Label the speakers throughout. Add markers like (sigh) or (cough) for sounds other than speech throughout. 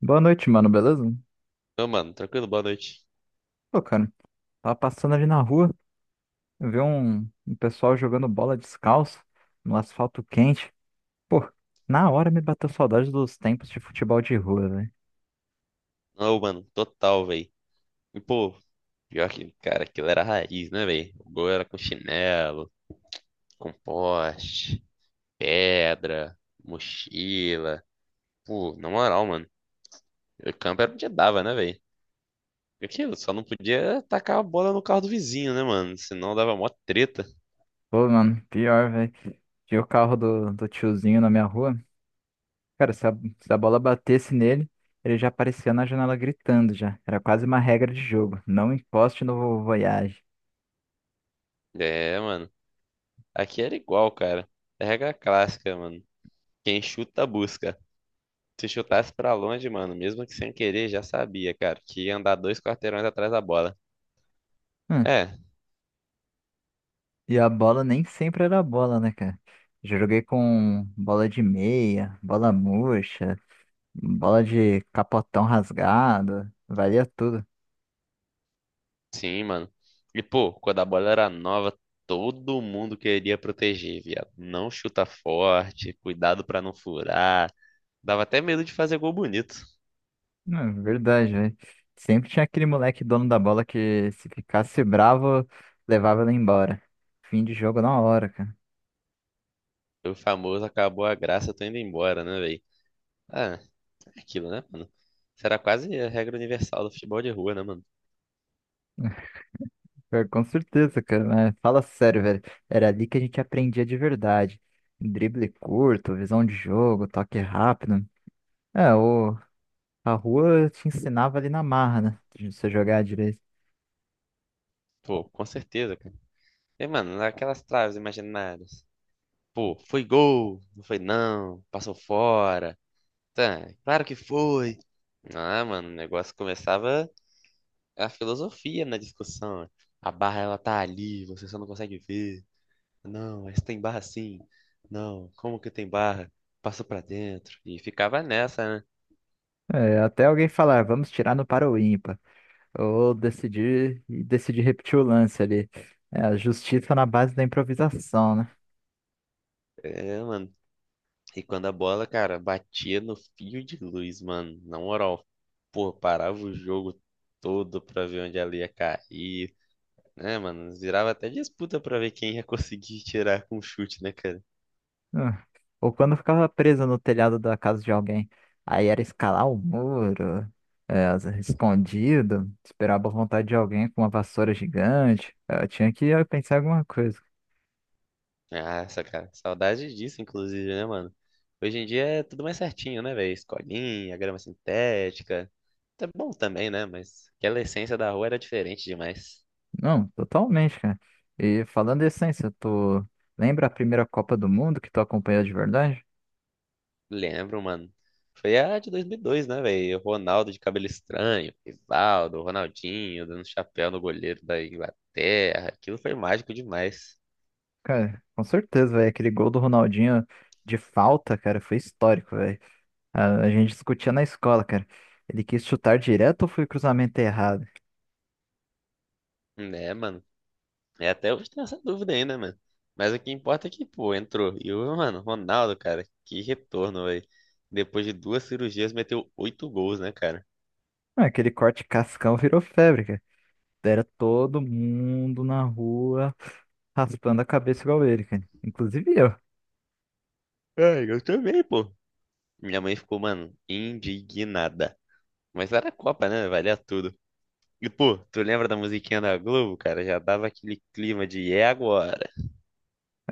Speaker 1: Boa noite, mano, beleza?
Speaker 2: Ô, mano, tranquilo, boa noite.
Speaker 1: Pô, cara, tava passando ali na rua, eu vi um pessoal jogando bola descalço no asfalto quente. Pô, na hora me bateu saudade dos tempos de futebol de rua, velho.
Speaker 2: Ô, mano, total, véi. E, pô, pior que, cara, aquilo era raiz, né, véi? O gol era com chinelo, com poste, pedra, mochila. Pô, na moral, mano, o campo era onde dava, né, véi? Aquilo, só não podia tacar a bola no carro do vizinho, né, mano? Senão dava mó treta.
Speaker 1: Pô, mano, pior, velho. Tinha o carro do tiozinho na minha rua. Cara, se a bola batesse nele, ele já aparecia na janela gritando já. Era quase uma regra de jogo. Não encoste no Voyage.
Speaker 2: É, mano, aqui era igual, cara. É regra clássica, mano. Quem chuta, busca. Se chutasse pra longe, mano, mesmo que sem querer, já sabia, cara, que ia andar dois quarteirões atrás da bola.
Speaker 1: Hum,
Speaker 2: É,
Speaker 1: E a bola nem sempre era bola, né, cara? Já joguei com bola de meia, bola murcha, bola de capotão rasgado, valia tudo.
Speaker 2: sim, mano. E, pô, quando a bola era nova, todo mundo queria proteger, viado. Não chuta forte, cuidado pra não furar. Dava até medo de fazer gol bonito.
Speaker 1: Não, é verdade, velho. Sempre tinha aquele moleque dono da bola que, se ficasse bravo, levava ele embora. Fim de jogo na hora, cara.
Speaker 2: O famoso acabou a graça, tô indo embora, né, velho? Ah, é aquilo, né, mano? Isso era quase a regra universal do futebol de rua, né, mano?
Speaker 1: Pior. Com certeza, cara, mas fala sério, velho. Era ali que a gente aprendia de verdade. Drible curto, visão de jogo, toque rápido. É, o A rua te ensinava ali na marra, né? De você jogar direito.
Speaker 2: Pô, com certeza, cara. E, mano, aquelas traves imaginárias. Pô, foi gol, não foi não, passou fora. Tá, claro que foi. Ah, mano, o negócio começava. É a filosofia na discussão. A barra, ela tá ali, você só não consegue ver. Não, mas tem barra sim. Não, como que tem barra? Passa pra dentro. E ficava nessa, né?
Speaker 1: É, até alguém falar, vamos tirar no para o ímpar. Ou decidir, repetir o lance ali. É, a justiça na base da improvisação, né?
Speaker 2: É, mano. E quando a bola, cara, batia no fio de luz, mano. Na moral, pô, parava o jogo todo pra ver onde ela ia cair. Né, mano? Virava até disputa pra ver quem ia (laughs) conseguir tirar com chute, né, cara?
Speaker 1: Hum. Ou quando eu ficava presa no telhado da casa de alguém. Aí era escalar o muro, é, escondido, esperava a boa vontade de alguém com uma vassoura gigante. É, eu tinha que pensar em alguma coisa.
Speaker 2: Nossa, cara, saudade disso, inclusive, né, mano? Hoje em dia é tudo mais certinho, né, velho? Escolinha, grama sintética. Tá bom também, né? Mas aquela essência da rua era diferente demais.
Speaker 1: Não, totalmente, cara. E falando em essência, tu lembra a primeira Copa do Mundo que tu acompanhou de verdade?
Speaker 2: Lembro, mano. Foi a de 2002, né, velho? Ronaldo de cabelo estranho, Rivaldo, Ronaldinho dando chapéu no goleiro da Inglaterra. Aquilo foi mágico demais.
Speaker 1: Cara, com certeza, velho. Aquele gol do Ronaldinho de falta, cara, foi histórico, velho. A gente discutia na escola, cara. Ele quis chutar direto ou foi cruzamento errado?
Speaker 2: Né, mano? É, até hoje tem essa dúvida ainda, né, mano. Mas o que importa é que, pô, entrou. E o, mano, Ronaldo, cara, que retorno, velho. Depois de duas cirurgias, meteu oito gols, né, cara?
Speaker 1: Ah, aquele corte cascão virou febre, cara. Era todo mundo na rua raspando a cabeça igual ele, cara. Inclusive eu.
Speaker 2: É, eu também, pô. Minha mãe ficou, mano, indignada. Mas era a Copa, né? Valia tudo. E, pô, tu lembra da musiquinha da Globo, cara? Já dava aquele clima de é agora.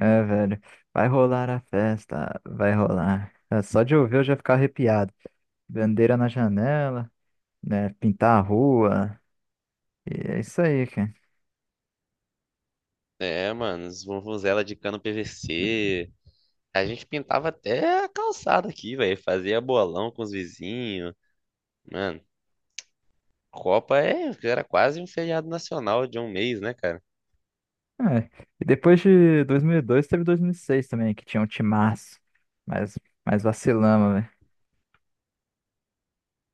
Speaker 1: É, velho. Vai rolar a festa, vai rolar. É, só de ouvir eu já ficar arrepiado. Bandeira na janela, né? Pintar a rua. E é isso aí, cara.
Speaker 2: É, mano, os vuvuzela de cano PVC. A gente pintava até a calçada aqui, velho. Fazia bolão com os vizinhos. Mano, Copa era quase um feriado nacional de um mês, né, cara?
Speaker 1: É. E depois de 2002, teve 2006 também, que tinha um timaço. Mas, mas vacilamos, velho.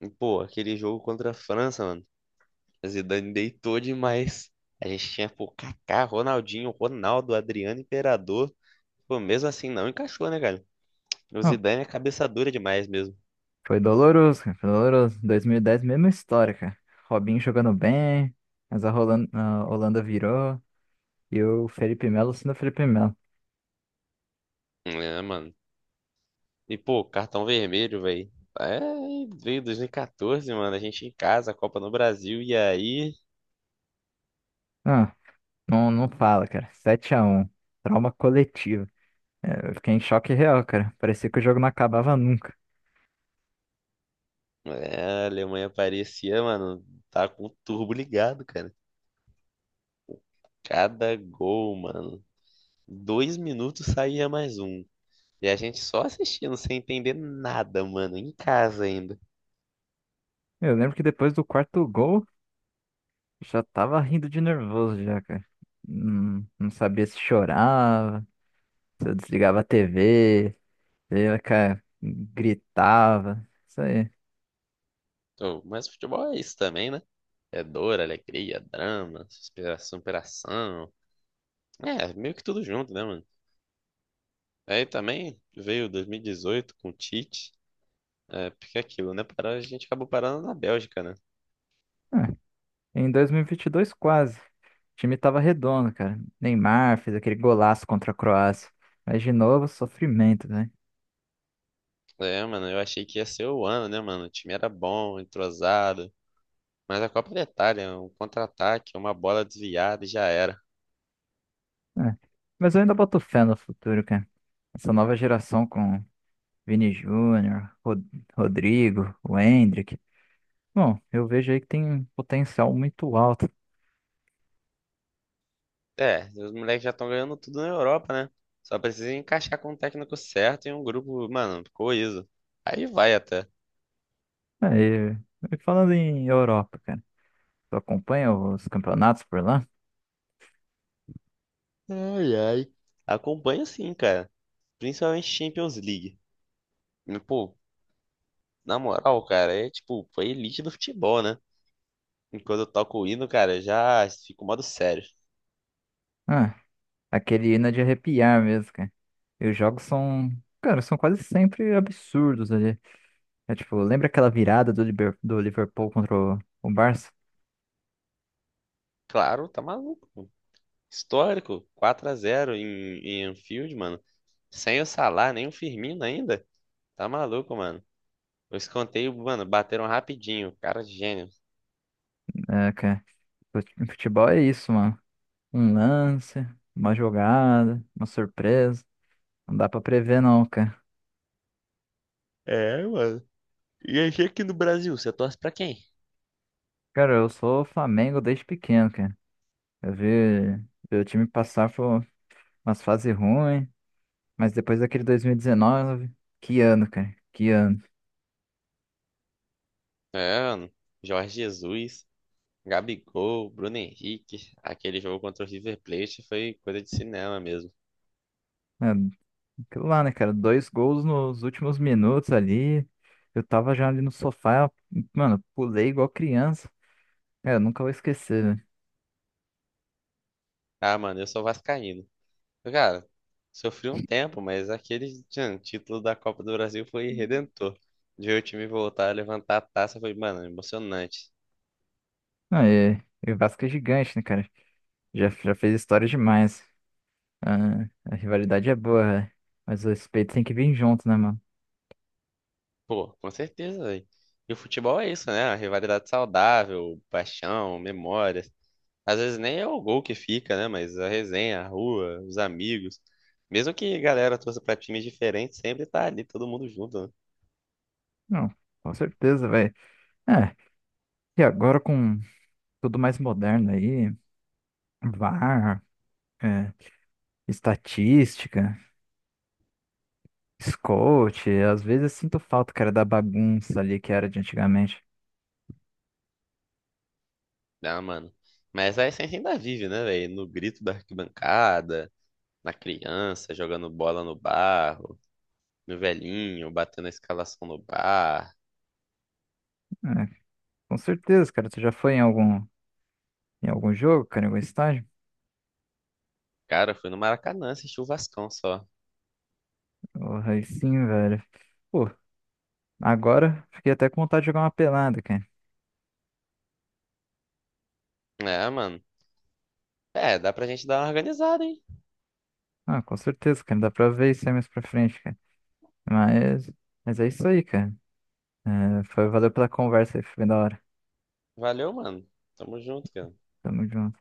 Speaker 2: E, pô, aquele jogo contra a França, mano. A Zidane deitou demais. A gente tinha, pô, Kaká, Ronaldinho, Ronaldo, Adriano Imperador. Pô, mesmo assim não encaixou, né, cara? O
Speaker 1: Não,
Speaker 2: Zidane é cabeça dura demais mesmo.
Speaker 1: foi doloroso, cara. Foi doloroso. 2010, mesma história, cara. Robinho jogando bem, mas a Holanda virou. E o Felipe Melo sendo o Felipe Melo.
Speaker 2: É, mano. E, pô, cartão vermelho, velho. É, veio 2014, mano. A gente em casa, a Copa no Brasil. E aí,
Speaker 1: Ah, não fala, cara. Sete a um. Trauma coletivo. É, eu fiquei em choque real, cara. Parecia que o jogo não acabava nunca.
Speaker 2: é, a Alemanha parecia, mano, tá com o turbo ligado, cara. Cada gol, mano. 2 minutos saía mais um. E a gente só assistindo, sem entender nada, mano, em casa ainda.
Speaker 1: Eu lembro que, depois do quarto gol, já tava rindo de nervoso já, cara. Não, não sabia se chorava, se eu desligava a TV, se eu, cara, gritava. Isso aí.
Speaker 2: Ô, mas futebol é isso também, né? É dor, alegria, drama, superação. É, meio que tudo junto, né, mano? Aí também veio 2018 com o Tite. É, porque é aquilo, né? Parou, a gente acabou parando na Bélgica, né?
Speaker 1: Ah, em 2022, quase. O time tava redondo, cara. Neymar fez aquele golaço contra a Croácia. Mas de novo, sofrimento, né?
Speaker 2: É, mano, eu achei que ia ser o ano, né, mano? O time era bom, entrosado. Mas a Copa da Itália, um contra-ataque, uma bola desviada e já era.
Speaker 1: Ah, mas eu ainda boto fé no futuro, cara. Essa nova geração com Vini Júnior, Rodrigo, o Endrick. Bom, eu vejo aí que tem um potencial muito alto.
Speaker 2: É, os moleques já estão ganhando tudo na Europa, né? Só precisa encaixar com o técnico certo e um grupo, mano, coeso. Aí vai até.
Speaker 1: Aí, e falando em Europa, cara, tu acompanha os campeonatos por lá?
Speaker 2: Ai, ai. Acompanho sim, cara. Principalmente Champions League. E, pô, na moral, cara, é tipo, foi elite do futebol, né? Enquanto eu toco o hino, cara, já fico modo sério.
Speaker 1: Ah, aquele hino é de arrepiar mesmo, cara. E os jogos são, cara, são quase sempre absurdos ali. É tipo, lembra aquela virada do, do Liverpool contra o Barça?
Speaker 2: Claro, tá maluco. Histórico, 4 a 0 em, Anfield, mano. Sem o Salah, nem o Firmino ainda. Tá maluco, mano. Os escanteio, mano, bateram rapidinho. Cara, gênio.
Speaker 1: É, cara, futebol é isso, mano. Um lance, uma jogada, uma surpresa. Não dá pra prever, não, cara.
Speaker 2: É, mano. E aí, aqui no Brasil, você torce pra quem?
Speaker 1: Cara, eu sou Flamengo desde pequeno, cara. Eu vi, vi o time passar por umas fases ruins. Mas depois daquele 2019, que ano, cara? Que ano.
Speaker 2: É, mano. Jorge Jesus, Gabigol, Bruno Henrique. Aquele jogo contra o River Plate foi coisa de cinema mesmo.
Speaker 1: É, aquilo lá, né, cara? Dois gols nos últimos minutos ali. Eu tava já ali no sofá, mano, pulei igual criança. Cara, nunca vou esquecer, né?
Speaker 2: Ah, mano, eu sou vascaíno. Cara, sofri um tempo, mas aquele tchan, título da Copa do Brasil foi redentor. De ver o time voltar a levantar a taça foi, mano, emocionante.
Speaker 1: Não, e o Vasco é gigante, né, cara? Já fez história demais. Ah, a rivalidade é boa, né? Mas o respeito tem que vir junto, né, mano?
Speaker 2: Pô, com certeza, velho. E o futebol é isso, né? A rivalidade saudável, paixão, memória. Às vezes nem é o gol que fica, né? Mas a resenha, a rua, os amigos. Mesmo que a galera torça pra times diferentes, sempre tá ali todo mundo junto, né?
Speaker 1: Não, com certeza, velho. É, e agora com tudo mais moderno aí, VAR, é, estatística. Scout, às vezes eu sinto falta, cara, da bagunça ali que era de antigamente.
Speaker 2: Ah, mano. Mas a essência ainda vive, né, velho? No grito da arquibancada, na criança, jogando bola no barro, no velhinho, batendo a escalação no bar.
Speaker 1: É, com certeza, cara, tu já foi em algum jogo, cara, em algum estádio?
Speaker 2: Cara, eu fui no Maracanã assistir o Vascão só.
Speaker 1: Porra, aí sim, velho. Pô, agora fiquei até com vontade de jogar uma pelada, cara.
Speaker 2: É, mano. É, dá pra gente dar uma organizada, hein?
Speaker 1: Ah, com certeza, cara, dá pra ver isso aí mais pra frente, cara. Mas, mas é isso aí, cara. É, foi, valeu pela conversa aí, foi bem da hora.
Speaker 2: Valeu, mano. Tamo junto, cara.
Speaker 1: Tamo junto.